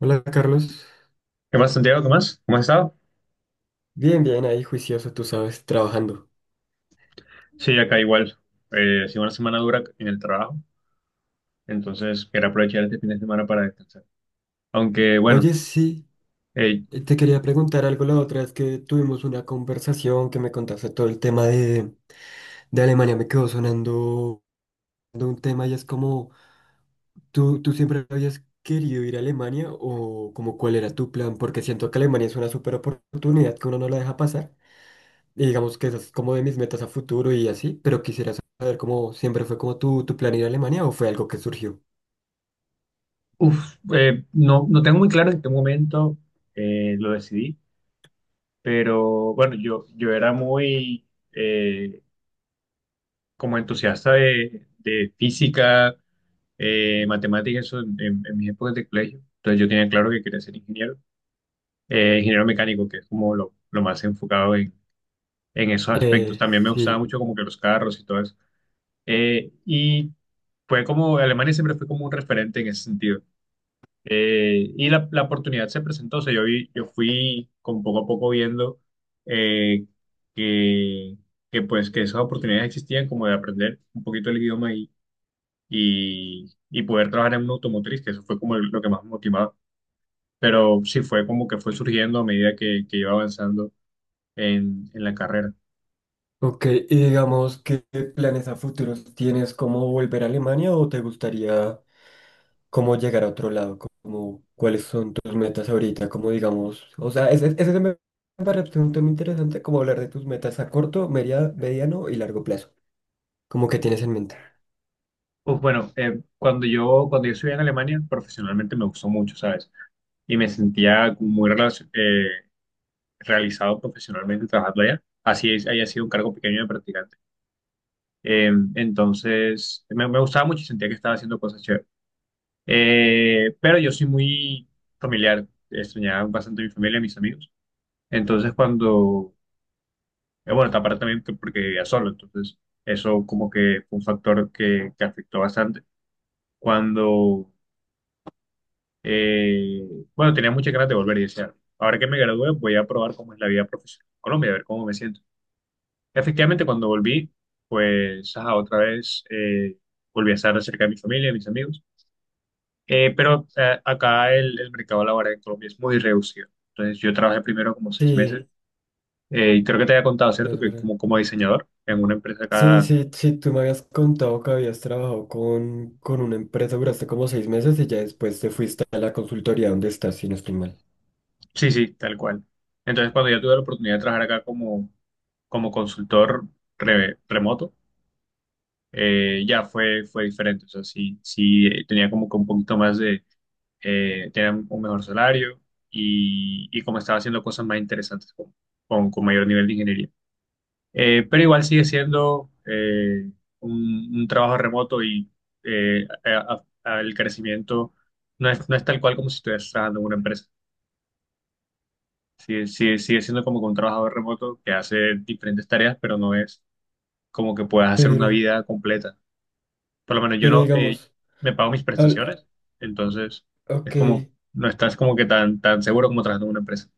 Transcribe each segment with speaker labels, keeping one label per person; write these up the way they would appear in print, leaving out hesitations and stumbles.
Speaker 1: Hola Carlos,
Speaker 2: ¿Qué más, Santiago? ¿Qué más? ¿Cómo has estado?
Speaker 1: bien, bien, ahí juicioso, tú sabes, trabajando.
Speaker 2: Sí, acá igual. Ha sido una semana dura en el trabajo, entonces quería aprovechar este fin de semana para descansar. Aunque, bueno,
Speaker 1: Oye, sí,
Speaker 2: eh,
Speaker 1: te quería preguntar algo la otra vez que tuvimos una conversación que me contaste todo el tema de Alemania, me quedó sonando de un tema y es como, ¿tú siempre habías querido ir a Alemania o como cuál era tu plan? Porque siento que Alemania es una súper oportunidad que uno no la deja pasar y digamos que esa es como de mis metas a futuro y así, pero quisiera saber cómo siempre fue como tu plan ir a Alemania o fue algo que surgió.
Speaker 2: no, no tengo muy claro en qué momento lo decidí, pero bueno, yo era muy eh, como entusiasta de física, matemáticas, eso en, en mis épocas de colegio. Entonces yo tenía claro que quería ser ingeniero, ingeniero mecánico, que es como lo más enfocado en esos aspectos.
Speaker 1: Eh,
Speaker 2: También me gustaba
Speaker 1: sí.
Speaker 2: mucho como que los carros y todo eso. Y fue como, Alemania siempre fue como un referente en ese sentido. Y la, la oportunidad se presentó, o sea, yo vi, yo fui como poco a poco viendo eh, que, que pues que esas oportunidades existían como de aprender un poquito el idioma y poder trabajar en una automotriz, que eso fue como lo que más me motivaba. Pero sí fue como que fue surgiendo a medida que iba avanzando en la carrera.
Speaker 1: Ok, y digamos, ¿qué planes a futuros tienes? ¿Cómo volver a Alemania o te gustaría cómo llegar a otro lado? ¿Cuáles son tus metas ahorita? Como digamos, o sea, ese se me parece un tema interesante, como hablar de tus metas a corto, mediano y largo plazo. Cómo que tienes en mente.
Speaker 2: Pues bueno, cuando yo estudié en Alemania, profesionalmente me gustó mucho, ¿sabes? Y me sentía como muy realizado profesionalmente trabajando allá, así es, haya sido un cargo pequeño de practicante. Entonces, me, me gustaba mucho y sentía que estaba haciendo cosas chéveres. Pero yo soy muy familiar, extrañaba bastante a mi familia y a mis amigos. Entonces, cuando, bueno, aparte también porque vivía solo, entonces eso como que fue un factor que afectó bastante. Cuando Eh, bueno, tenía muchas ganas de volver y decía, ahora que me gradué voy a probar cómo es la vida profesional en Colombia, a ver cómo me siento. Efectivamente, cuando volví, pues ajá, otra vez volví a estar cerca de mi familia, de mis amigos. Acá el mercado laboral en Colombia es muy reducido. Entonces yo trabajé primero como seis
Speaker 1: Sí,
Speaker 2: meses y creo que te había contado, ¿cierto?
Speaker 1: es
Speaker 2: Que
Speaker 1: verdad.
Speaker 2: como, como diseñador en una empresa
Speaker 1: Sí,
Speaker 2: acá,
Speaker 1: sí, sí, tú me habías contado que habías trabajado con una empresa, duraste como 6 meses y ya después te fuiste a la consultoría donde estás, si no estoy mal.
Speaker 2: sí, sí, tal cual. Entonces cuando yo tuve la oportunidad de trabajar acá como, como consultor remoto, ya fue, fue diferente. O sea, sí, sí, tenía como que un poquito más de, tenía un mejor salario y como estaba haciendo cosas más interesantes con mayor nivel de ingeniería. Pero igual sigue siendo un trabajo remoto y el crecimiento no es, no es tal cual como si estuvieras trabajando en una empresa. Sigue, sigue, sigue siendo como que un trabajador remoto que hace diferentes tareas, pero no es como que puedas hacer una
Speaker 1: Pero,
Speaker 2: vida completa. Por lo menos yo
Speaker 1: pero
Speaker 2: no,
Speaker 1: digamos,
Speaker 2: me pago mis
Speaker 1: hab-
Speaker 2: prestaciones, entonces
Speaker 1: Ok,
Speaker 2: es como, no estás como que tan, tan seguro como trabajando en una empresa.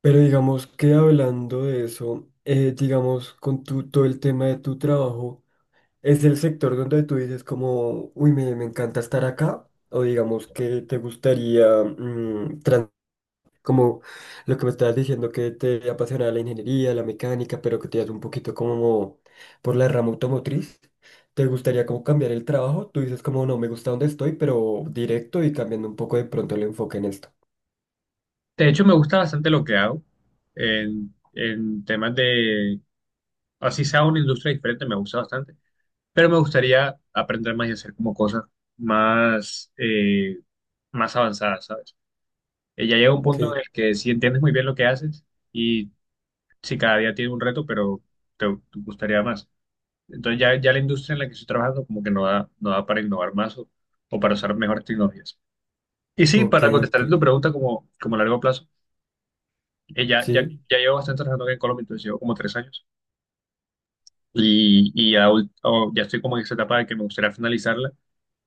Speaker 1: pero digamos que hablando de eso, digamos con todo el tema de tu trabajo, ¿es el sector donde tú dices como, uy, me encanta estar acá? O digamos que te gustaría, como lo que me estabas diciendo, que te apasiona la ingeniería, la mecánica, pero que te das un poquito como por la rama automotriz, ¿te gustaría como cambiar el trabajo? Tú dices como, no, me gusta donde estoy, pero directo y cambiando un poco de pronto el enfoque en esto.
Speaker 2: De hecho, me gusta bastante lo que hago en temas de, así sea una industria diferente, me gusta bastante, pero me gustaría aprender más y hacer como cosas más, más avanzadas, ¿sabes? Ya llega un
Speaker 1: Ok,
Speaker 2: punto en el que sí entiendes muy bien lo que haces y si cada día tiene un reto, pero te gustaría más. Entonces ya, ya la industria en la que estoy trabajando como que no da, no da para innovar más o para usar mejores tecnologías. Y sí,
Speaker 1: ok,
Speaker 2: para
Speaker 1: ok.
Speaker 2: contestar tu pregunta como, como a largo plazo, ya, ya,
Speaker 1: Sí.
Speaker 2: ya llevo bastante trabajando aquí en Colombia, entonces llevo como tres años y ya, ya estoy como en esa etapa de que me gustaría finalizarla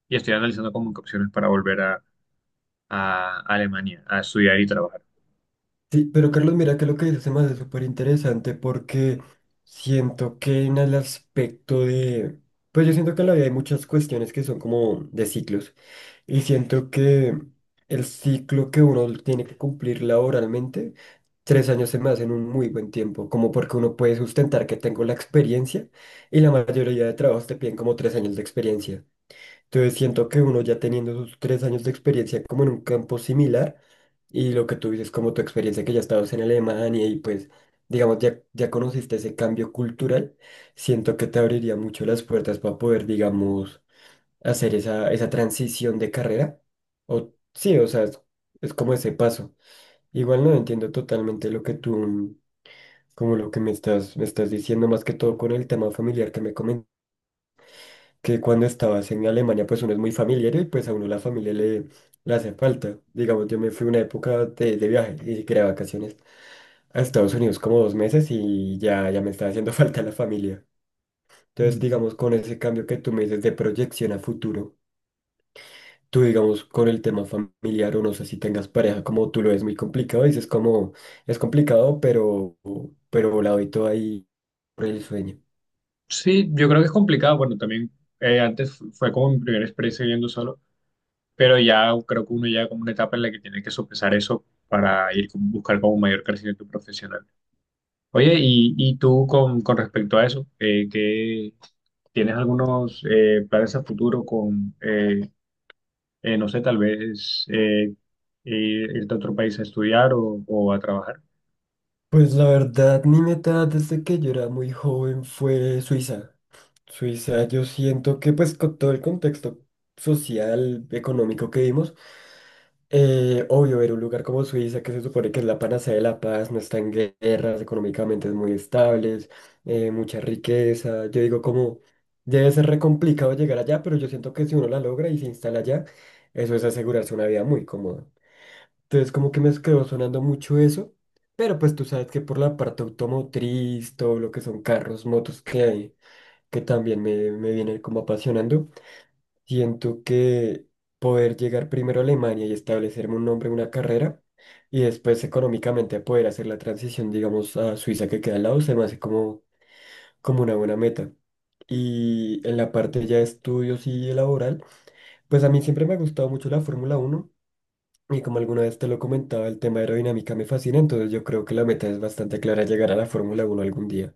Speaker 2: y estoy analizando como qué opciones para volver a Alemania a estudiar y trabajar.
Speaker 1: Sí, pero Carlos, mira que lo que dices se me hace súper interesante porque siento que en el aspecto pues yo siento que en la vida hay muchas cuestiones que son como de ciclos y siento que el ciclo que uno tiene que cumplir laboralmente, 3 años se me hacen un muy buen tiempo, como porque uno puede sustentar que tengo la experiencia y la mayoría de trabajos te piden como 3 años de experiencia. Entonces siento que uno ya teniendo sus 3 años de experiencia como en un campo similar y lo que tú dices como tu experiencia que ya estabas en Alemania y pues digamos ya, ya conociste ese cambio cultural, siento que te abriría mucho las puertas para poder digamos hacer esa transición de carrera. O sí, o sea, es como ese paso. Igual no entiendo totalmente lo que como lo que me estás diciendo más que todo con el tema familiar que me comentaste que cuando estabas en Alemania, pues uno es muy familiar y pues a uno la familia le hace falta. Digamos, yo me fui una época de viaje, ni siquiera de vacaciones, a Estados Unidos como 2 meses y ya, ya me estaba haciendo falta la familia. Entonces,
Speaker 2: Mm.
Speaker 1: digamos, con ese cambio que tú me dices de proyección a futuro, tú, digamos, con el tema familiar o no sé si tengas pareja, como tú lo ves muy complicado, dices como es complicado, pero la doy todo ahí por el sueño.
Speaker 2: Sí, yo creo que es complicado. Bueno, también antes fue como mi primera experiencia viviendo solo. Pero ya creo que uno llega como una etapa en la que tiene que sopesar eso para ir buscar como un mayor crecimiento profesional. Oye, y tú con respecto a eso, ¿qué- tienes algunos planes a futuro con, no sé, tal vez irte a otro país a estudiar o a trabajar?
Speaker 1: Pues la verdad, mi meta desde que yo era muy joven fue Suiza. Suiza, yo siento que pues con todo el contexto social, económico que vimos, obvio, ver un lugar como Suiza, que se supone que es la panacea de la paz, no está en guerras, económicamente es muy estable, mucha riqueza. Yo digo como, debe ser re complicado llegar allá, pero yo siento que si uno la logra y se instala allá, eso es asegurarse una vida muy cómoda. Entonces como que me quedó sonando mucho eso, pero pues tú sabes que por la parte automotriz, todo lo que son carros, motos que hay, que también me viene como apasionando, siento que poder llegar primero a Alemania y establecerme un nombre, una carrera, y después económicamente poder hacer la transición, digamos, a Suiza que queda al lado, se me hace como una buena meta. Y en la parte ya de estudios y laboral, pues a mí siempre me ha gustado mucho la Fórmula Uno y como alguna vez te lo comentaba, el tema aerodinámica me fascina, entonces yo creo que la meta es bastante clara, llegar a la Fórmula Uno algún día,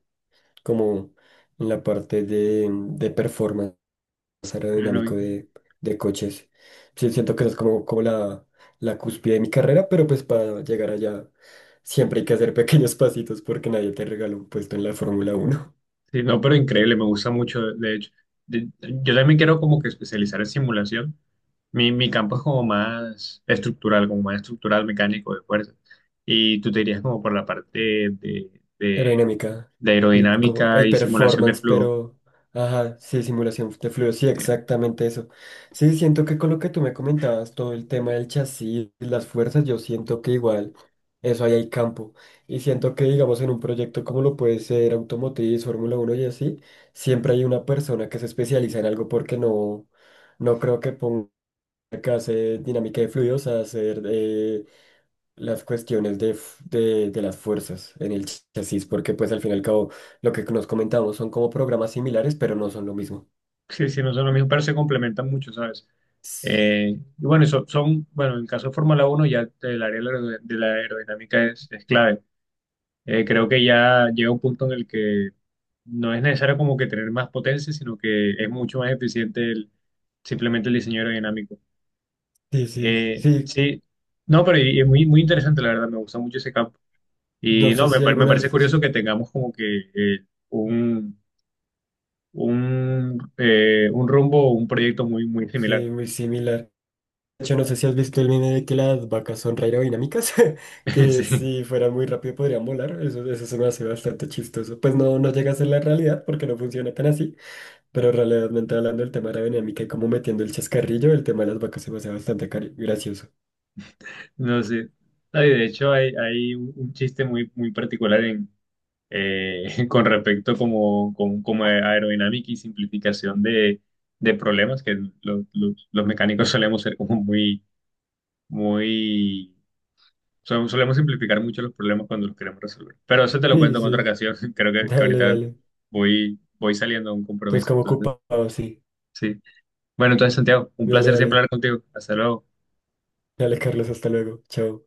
Speaker 1: como en la parte de performance
Speaker 2: Bueno,
Speaker 1: aerodinámico de coches. Sí, siento que esa es como la cúspide de mi carrera, pero pues para llegar allá siempre hay que hacer pequeños pasitos porque nadie te regala un puesto en la Fórmula Uno.
Speaker 2: sí, no, pero increíble, me gusta mucho, de hecho. De- yo también quiero como que especializar en simulación. Mi campo es como más estructural, mecánico, de fuerza. Y tú te irías como por la parte de, de-
Speaker 1: Aerodinámica,
Speaker 2: de
Speaker 1: sí, como
Speaker 2: aerodinámica
Speaker 1: el
Speaker 2: y simulación de
Speaker 1: performance,
Speaker 2: flujo.
Speaker 1: pero, ajá, sí, simulación de fluidos, sí,
Speaker 2: Eh,
Speaker 1: exactamente eso. Sí, siento que con lo que tú me comentabas, todo el tema del chasis, las fuerzas, yo siento que igual, eso ahí hay campo. Y siento que, digamos, en un proyecto como lo puede ser Automotriz, Fórmula uno y así, siempre hay una persona que se especializa en algo porque no, no creo que ponga que hacer dinámica de fluidos a hacer... las cuestiones de las fuerzas en el chasis, porque pues al fin y al cabo lo que nos comentamos son como programas similares, pero no son lo mismo.
Speaker 2: sí, sí, no son lo mismo, pero se complementan mucho, ¿sabes? Y bueno, eso son, bueno, en el caso de Fórmula Uno ya el área de la aerodinámica es clave. Creo que ya llega un punto en el que no es necesario como que tener más potencia, sino que es mucho más eficiente el, simplemente el diseño aerodinámico.
Speaker 1: Sí, sí, sí,
Speaker 2: Sí, no, pero y es muy, muy interesante, la verdad, me gusta mucho ese campo.
Speaker 1: no
Speaker 2: Y
Speaker 1: sé
Speaker 2: no, me,
Speaker 1: si
Speaker 2: me parece
Speaker 1: algunas,
Speaker 2: curioso que tengamos como que un rumbo, un proyecto muy, muy similar.
Speaker 1: sí, muy similar. De hecho, no sé si has visto el meme de que las vacas son re aerodinámicas, que
Speaker 2: Sí,
Speaker 1: si fueran muy rápido podrían volar, eso se me hace bastante chistoso. Pues no, no llega a ser la realidad porque no funciona tan así, pero realmente hablando del tema de aerodinámica y como metiendo el chascarrillo, el tema de las vacas se me hace bastante gracioso.
Speaker 2: no sé. Ay, de hecho, hay un chiste muy, muy particular en con respecto como, como, como a aerodinámica y simplificación de problemas que los mecánicos solemos ser como muy, muy, so- solemos simplificar mucho los problemas cuando los queremos resolver. Pero eso te lo
Speaker 1: Sí,
Speaker 2: cuento en otra
Speaker 1: sí.
Speaker 2: ocasión, creo que
Speaker 1: Dale,
Speaker 2: ahorita
Speaker 1: dale.
Speaker 2: voy, voy saliendo a un
Speaker 1: Entonces,
Speaker 2: compromiso,
Speaker 1: como
Speaker 2: entonces,
Speaker 1: ocupado, sí.
Speaker 2: sí. Bueno, entonces, Santiago, un
Speaker 1: Dale,
Speaker 2: placer siempre
Speaker 1: dale.
Speaker 2: hablar contigo. Hasta luego.
Speaker 1: Dale, Carlos, hasta luego. Chao.